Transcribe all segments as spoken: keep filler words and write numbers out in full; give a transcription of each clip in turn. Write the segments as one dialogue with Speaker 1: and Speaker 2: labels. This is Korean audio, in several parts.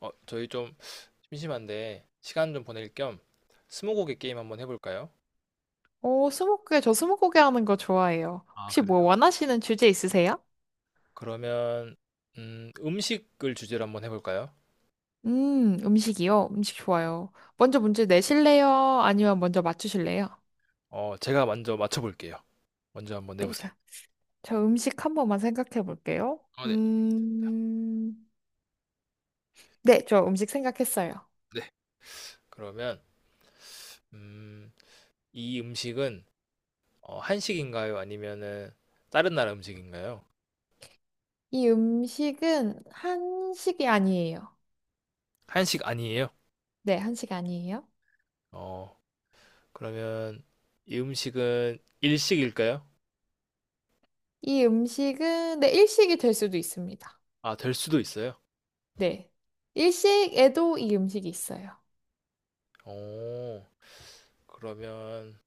Speaker 1: 어, 저희 좀 심심한데 시간 좀 보낼 겸 스무고개 게임 한번 해볼까요?
Speaker 2: 오, 스무고개, 저 스무고개 하는 거 좋아해요.
Speaker 1: 아,
Speaker 2: 혹시
Speaker 1: 그래요?
Speaker 2: 뭐 원하시는 주제 있으세요?
Speaker 1: 그러면 음, 음식을 주제로 한번 해볼까요?
Speaker 2: 음, 음식이요? 음식 좋아요. 먼저 문제 내실래요? 아니면 먼저 맞추실래요?
Speaker 1: 어, 제가 먼저 맞춰볼게요. 먼저 한번
Speaker 2: 네,
Speaker 1: 내보세요.
Speaker 2: 자, 저 음식 한 번만 생각해 볼게요.
Speaker 1: 아, 네.
Speaker 2: 음, 네, 저 음식 생각했어요.
Speaker 1: 네. 그러면 음, 이 음식은 어, 한식인가요? 아니면은 다른 나라 음식인가요?
Speaker 2: 이 음식은 한식이 아니에요.
Speaker 1: 한식 아니에요?
Speaker 2: 네, 한식 아니에요.
Speaker 1: 어, 그러면 이 음식은 일식일까요?
Speaker 2: 이 음식은, 네, 일식이 될 수도 있습니다.
Speaker 1: 아, 될 수도 있어요.
Speaker 2: 네. 일식에도 이 음식이 있어요.
Speaker 1: 어, 그러면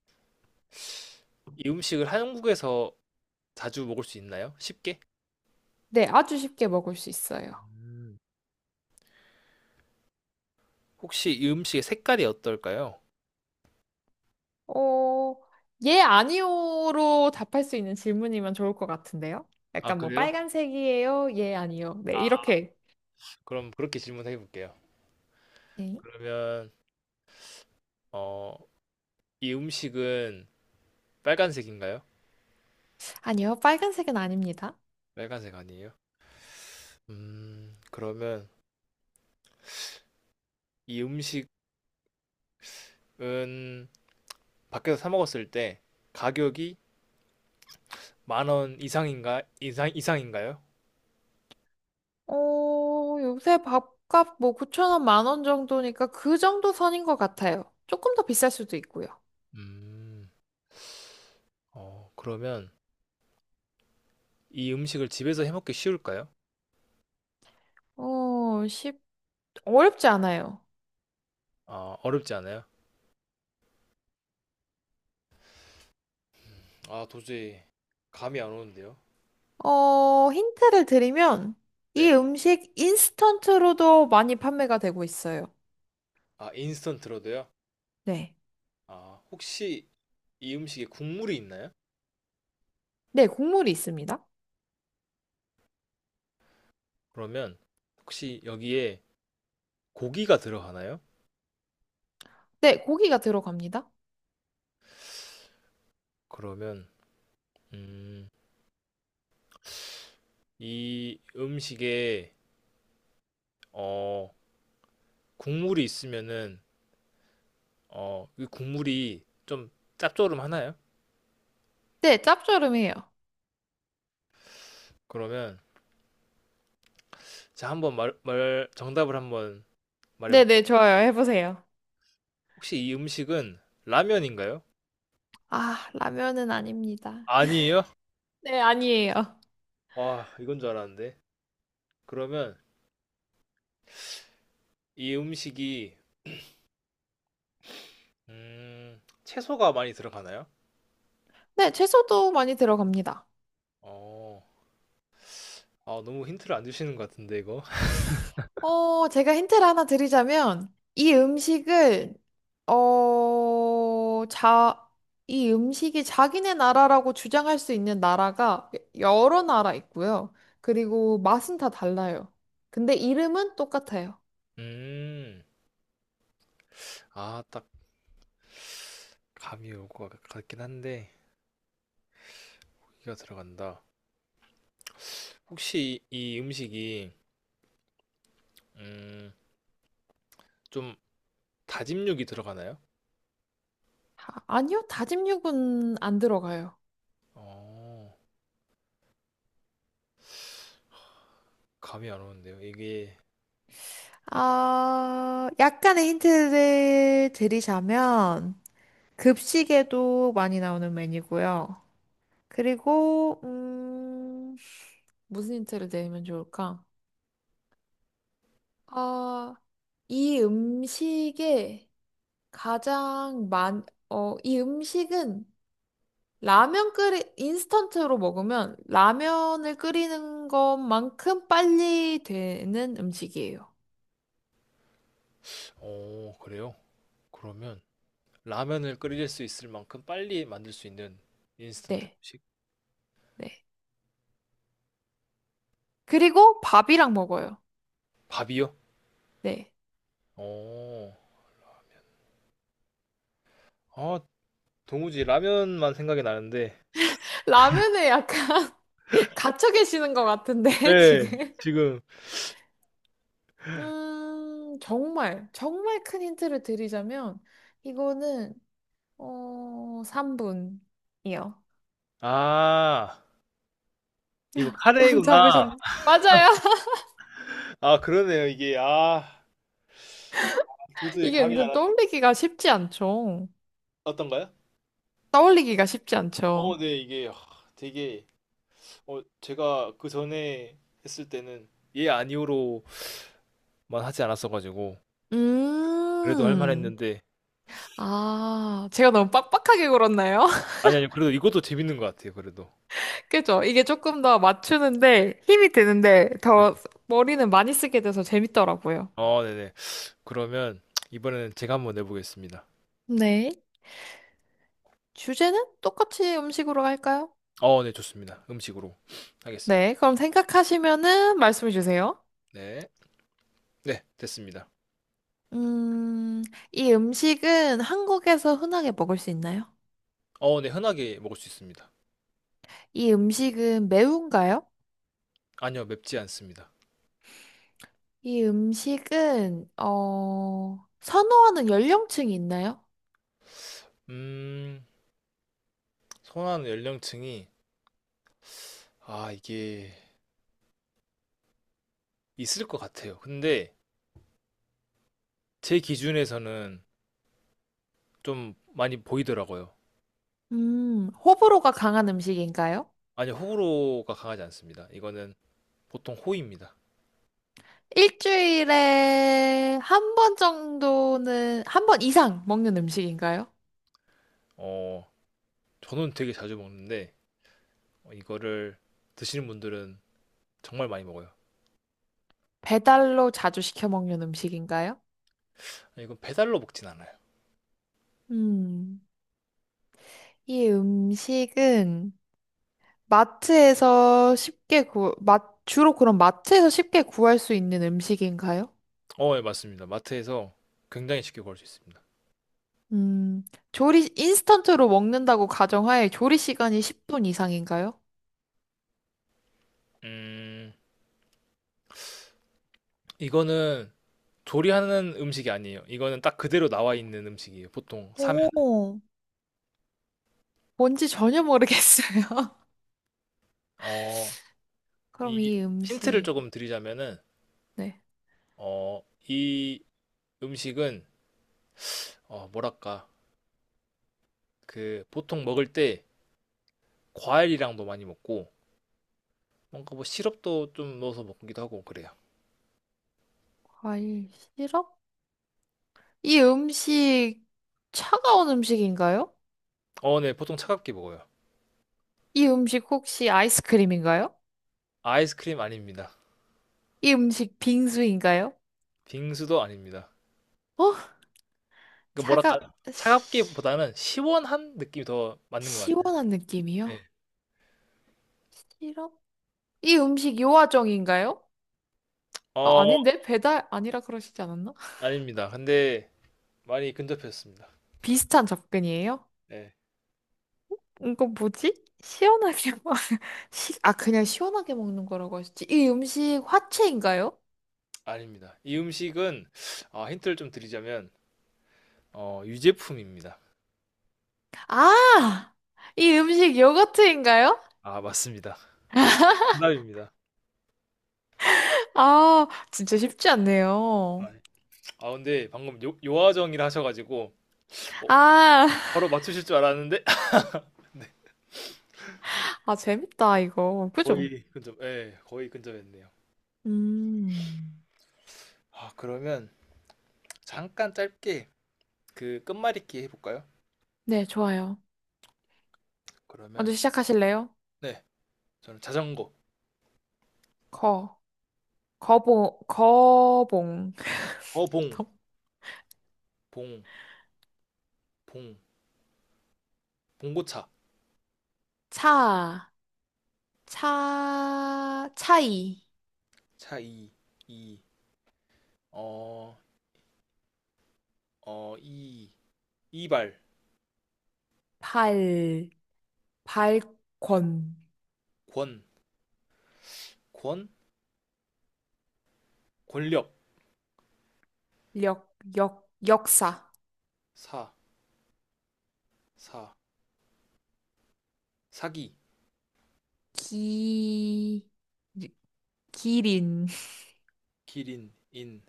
Speaker 1: 이 음식을 한국에서 자주 먹을 수 있나요? 쉽게?
Speaker 2: 네, 아주 쉽게 먹을 수 있어요.
Speaker 1: 음. 혹시 이 음식의 색깔이 어떨까요?
Speaker 2: 어, 예, 아니요로 답할 수 있는 질문이면 좋을 것 같은데요?
Speaker 1: 아,
Speaker 2: 약간 뭐
Speaker 1: 그래요?
Speaker 2: 빨간색이에요? 예, 아니요. 네,
Speaker 1: 아,
Speaker 2: 이렇게.
Speaker 1: 그럼 그렇게 질문해 볼게요.
Speaker 2: 네.
Speaker 1: 그러면 어, 이 음식은 빨간색인가요?
Speaker 2: 아니요, 빨간색은 아닙니다.
Speaker 1: 빨간색 아니에요? 음, 그러면 이 음식은 밖에서 사 먹었을 때 가격이 만 원 이상인가 이상 이상인가요?
Speaker 2: 어, 요새 밥값 뭐 구천 원, 만 원 정도니까 그 정도 선인 것 같아요. 조금 더 비쌀 수도 있고요.
Speaker 1: 음, 어, 그러면 이 음식을 집에서 해 먹기 쉬울까요?
Speaker 2: 어, 쉽, 어렵지 않아요.
Speaker 1: 아, 어렵지 않아요? 아, 도저히 감이 안 오는데요.
Speaker 2: 어, 힌트를 드리면 이
Speaker 1: 네.
Speaker 2: 음식 인스턴트로도 많이 판매가 되고 있어요.
Speaker 1: 아, 인스턴트로도요?
Speaker 2: 네.
Speaker 1: 아, 혹시 이 음식에 국물이 있나요?
Speaker 2: 네, 국물이 있습니다.
Speaker 1: 그러면 혹시 여기에 고기가 들어가나요?
Speaker 2: 네, 고기가 들어갑니다.
Speaker 1: 그러면 음, 이 음식에 어, 국물이 있으면은 어, 이 국물이 좀 짭조름하나요?
Speaker 2: 네, 짭조름해요.
Speaker 1: 그러면 자 한번 말, 말 정답을 한번 말해볼게요.
Speaker 2: 네네, 좋아요. 해보세요.
Speaker 1: 혹시 이 음식은 라면인가요?
Speaker 2: 아, 라면은 아닙니다.
Speaker 1: 아니에요?
Speaker 2: 네, 아니에요.
Speaker 1: 와, 이건 줄 알았는데. 그러면 이 음식이 음, 채소가 많이 들어가나요?
Speaker 2: 네, 채소도 많이 들어갑니다.
Speaker 1: 어, 아, 너무 힌트를 안 주시는 것 같은데, 이거?
Speaker 2: 어, 제가 힌트를 하나 드리자면, 이 음식을, 어, 자, 이 음식이 자기네 나라라고 주장할 수 있는 나라가 여러 나라 있고요. 그리고 맛은 다 달라요. 근데 이름은 똑같아요.
Speaker 1: 음, 아, 딱 감이 올 것 같긴 한데, 고기가 들어간다. 혹시 이, 이 음식이, 음, 좀 다짐육이 들어가나요?
Speaker 2: 아, 아니요, 다짐육은 안 들어가요.
Speaker 1: 어, 감이 안 오는데요. 이게, 디-
Speaker 2: 아, 약간의 힌트를 드리자면, 급식에도 많이 나오는 메뉴고요. 그리고, 음, 무슨 힌트를 내면 좋을까? 아, 이 음식에 가장 많, 어, 이 음식은 라면 끓이, 인스턴트로 먹으면 라면을 끓이는 것만큼 빨리 되는 음식이에요.
Speaker 1: 어, 그래요? 그러면 라면을 끓일 수 있을 만큼 빨리 만들 수 있는 인스턴트
Speaker 2: 네,
Speaker 1: 음식?
Speaker 2: 네. 그리고 밥이랑 먹어요.
Speaker 1: 밥이요?
Speaker 2: 네.
Speaker 1: 어, 아, 도무지 라면만 생각이 나는데,
Speaker 2: 라면에 약간 갇혀 계시는 것 같은데,
Speaker 1: 네,
Speaker 2: 지금.
Speaker 1: 지금,
Speaker 2: 음, 정말, 정말 큰 힌트를 드리자면, 이거는, 어, 삼 분이요.
Speaker 1: 아, 이거
Speaker 2: 감
Speaker 1: 카레이구나.
Speaker 2: 잡으셨나? 맞아요.
Speaker 1: 아, 그러네요. 이게, 아, 도저히
Speaker 2: 이게
Speaker 1: 감이 안
Speaker 2: 은근
Speaker 1: 왔-
Speaker 2: 떠올리기가 쉽지 않죠.
Speaker 1: 어떤가요?
Speaker 2: 떠올리기가 쉽지 않죠.
Speaker 1: 어, 네, 이게 아, 되게, 어, 제가 그 전에 했을 때는 예, 아니오로만 하지 않았어가지고, 그래도 할
Speaker 2: 음,
Speaker 1: 만했는데,
Speaker 2: 아, 제가 너무 빡빡하게 굴었나요?
Speaker 1: 아니, 아니, 그래도 이것도 재밌는 것 같아요, 그래도.
Speaker 2: 그죠? 이게 조금 더 맞추는데 힘이 드는데
Speaker 1: 네.
Speaker 2: 더 머리는 많이 쓰게 돼서 재밌더라고요.
Speaker 1: 어, 네네. 그러면 이번에는 제가 한번 내보겠습니다.
Speaker 2: 네. 주제는 똑같이 음식으로 할까요?
Speaker 1: 어, 네, 좋습니다. 음식으로 하겠습니다.
Speaker 2: 네, 그럼 생각하시면은 말씀해 주세요.
Speaker 1: 네. 네, 됐습니다.
Speaker 2: 음, 이 음식은 한국에서 흔하게 먹을 수 있나요?
Speaker 1: 어, 네, 흔하게 먹을 수 있습니다.
Speaker 2: 이 음식은 매운가요?
Speaker 1: 아니요, 맵지 않습니다.
Speaker 2: 이 음식은, 어, 선호하는 연령층이 있나요?
Speaker 1: 음, 선호하는 연령층이 아, 이게 있을 것 같아요. 근데 제 기준에서는 좀 많이 보이더라고요.
Speaker 2: 음, 호불호가 강한 음식인가요?
Speaker 1: 아니, 호불호가 강하지 않습니다. 이거는 보통 호입니다.
Speaker 2: 일주일에 한 번 정도는, 한 번 이상 먹는 음식인가요?
Speaker 1: 어, 저는 되게 자주 먹는데 어, 이거를 드시는 분들은 정말 많이 먹어요.
Speaker 2: 배달로 자주 시켜 먹는 음식인가요?
Speaker 1: 아니, 이건 배달로 먹진 않아요.
Speaker 2: 음. 이 음식은 마트에서 쉽게 구, 마, 주로 그럼 마트에서 쉽게 구할 수 있는 음식인가요?
Speaker 1: 어, 예, 맞습니다. 마트에서 굉장히 쉽게 구할 수 있습니다.
Speaker 2: 음, 조리, 인스턴트로 먹는다고 가정하에 조리 시간이 십 분 이상인가요?
Speaker 1: 음, 이거는 조리하는 음식이 아니에요. 이거는 딱 그대로 나와 있는 음식이에요. 보통 사면.
Speaker 2: 오, 뭔지 전혀 모르겠어요.
Speaker 1: 어,
Speaker 2: 그럼
Speaker 1: 이
Speaker 2: 이
Speaker 1: 힌트를
Speaker 2: 음식,
Speaker 1: 조금 드리자면은
Speaker 2: 네,
Speaker 1: 어, 이 음식은 어, 뭐랄까 그 보통 먹을 때 과일이랑도 많이 먹고 뭔가 뭐 시럽도 좀 넣어서 먹기도 하고 그래요.
Speaker 2: 과일 시럽? 이 음식 차가운 음식인가요?
Speaker 1: 어, 네, 보통 차갑게 먹어요.
Speaker 2: 이 음식 혹시 아이스크림인가요?
Speaker 1: 아이스크림 아닙니다.
Speaker 2: 이 음식 빙수인가요?
Speaker 1: 빙수도 아닙니다.
Speaker 2: 어?
Speaker 1: 그 뭐랄까
Speaker 2: 차가,
Speaker 1: 차갑기보다는 시원한 느낌이 더 맞는 것 같아요.
Speaker 2: 시원한
Speaker 1: 네.
Speaker 2: 느낌이요? 시럽? 이 음식 요아정인가요? 아,
Speaker 1: 어,
Speaker 2: 아닌데? 배달 아니라 그러시지 않았나?
Speaker 1: 아닙니다. 근데 많이 근접했습니다.
Speaker 2: 비슷한 접근이에요?
Speaker 1: 네,
Speaker 2: 이건 뭐지? 시원하게 먹... 시... 아, 그냥 시원하게 먹는 거라고 하셨지. 이 음식 화채인가요?
Speaker 1: 아닙니다. 이 음식은 아, 힌트를 좀 드리자면 어, 유제품입니다.
Speaker 2: 아! 이 음식 요거트인가요?
Speaker 1: 아, 맞습니다. 정답입니다.
Speaker 2: 아, 진짜 쉽지 않네요.
Speaker 1: 아, 네. 아, 근데 방금 요, 요하정이라 하셔가지고 어,
Speaker 2: 아,
Speaker 1: 바로 맞추실 줄 알았는데 네,
Speaker 2: 아, 재밌다, 이거. 그죠?
Speaker 1: 거의 근접, 예, 거의 근접했네요.
Speaker 2: 음.
Speaker 1: 아, 그러면 잠깐 짧게 그 끝말잇기 해볼까요?
Speaker 2: 네, 좋아요.
Speaker 1: 그러면
Speaker 2: 먼저 시작하실래요?
Speaker 1: 네, 저는 자전거.
Speaker 2: 거. 거봉, 거봉.
Speaker 1: 거봉.
Speaker 2: 더-
Speaker 1: 봉 봉 봉고차.
Speaker 2: 차, 차, 차이.
Speaker 1: 차이. 이어어이. 이발.
Speaker 2: 발, 발권.
Speaker 1: 권 권 권력.
Speaker 2: 력, 역, 역사.
Speaker 1: 사 사 사기.
Speaker 2: 기, 기린.
Speaker 1: 기린. 인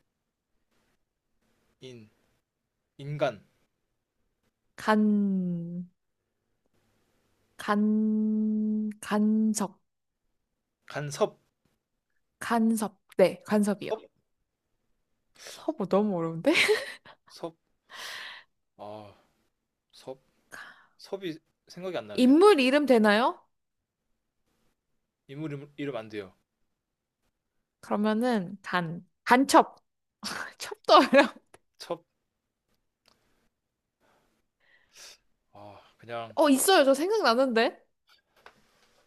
Speaker 1: 인 인간.
Speaker 2: 간, 간, 간섭.
Speaker 1: 간섭.
Speaker 2: 간섭. 네, 간섭이요. 서부 너무 어려운데?
Speaker 1: 섭섭아섭 섭이 생각이 안 나네요.
Speaker 2: 인물 이름 되나요?
Speaker 1: 인물 이름, 이름 안 돼요.
Speaker 2: 그러면은 간, 간첩. 첩도 어려워.
Speaker 1: 첩? 아, 그냥
Speaker 2: 어, 있어요. 저 생각나는데.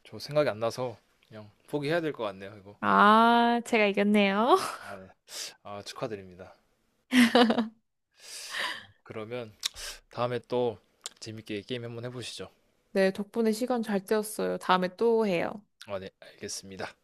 Speaker 1: 저 생각이 안 나서 그냥 포기해야 될 것 같네요, 이거.
Speaker 2: 아, 제가 이겼네요.
Speaker 1: 아, 네. 아, 축하드립니다. 그러면 다음에 또 재밌게 게임 한번 해보시죠.
Speaker 2: 네, 덕분에 시간 잘 때웠어요. 다음에 또 해요.
Speaker 1: 아, 네, 알겠습니다.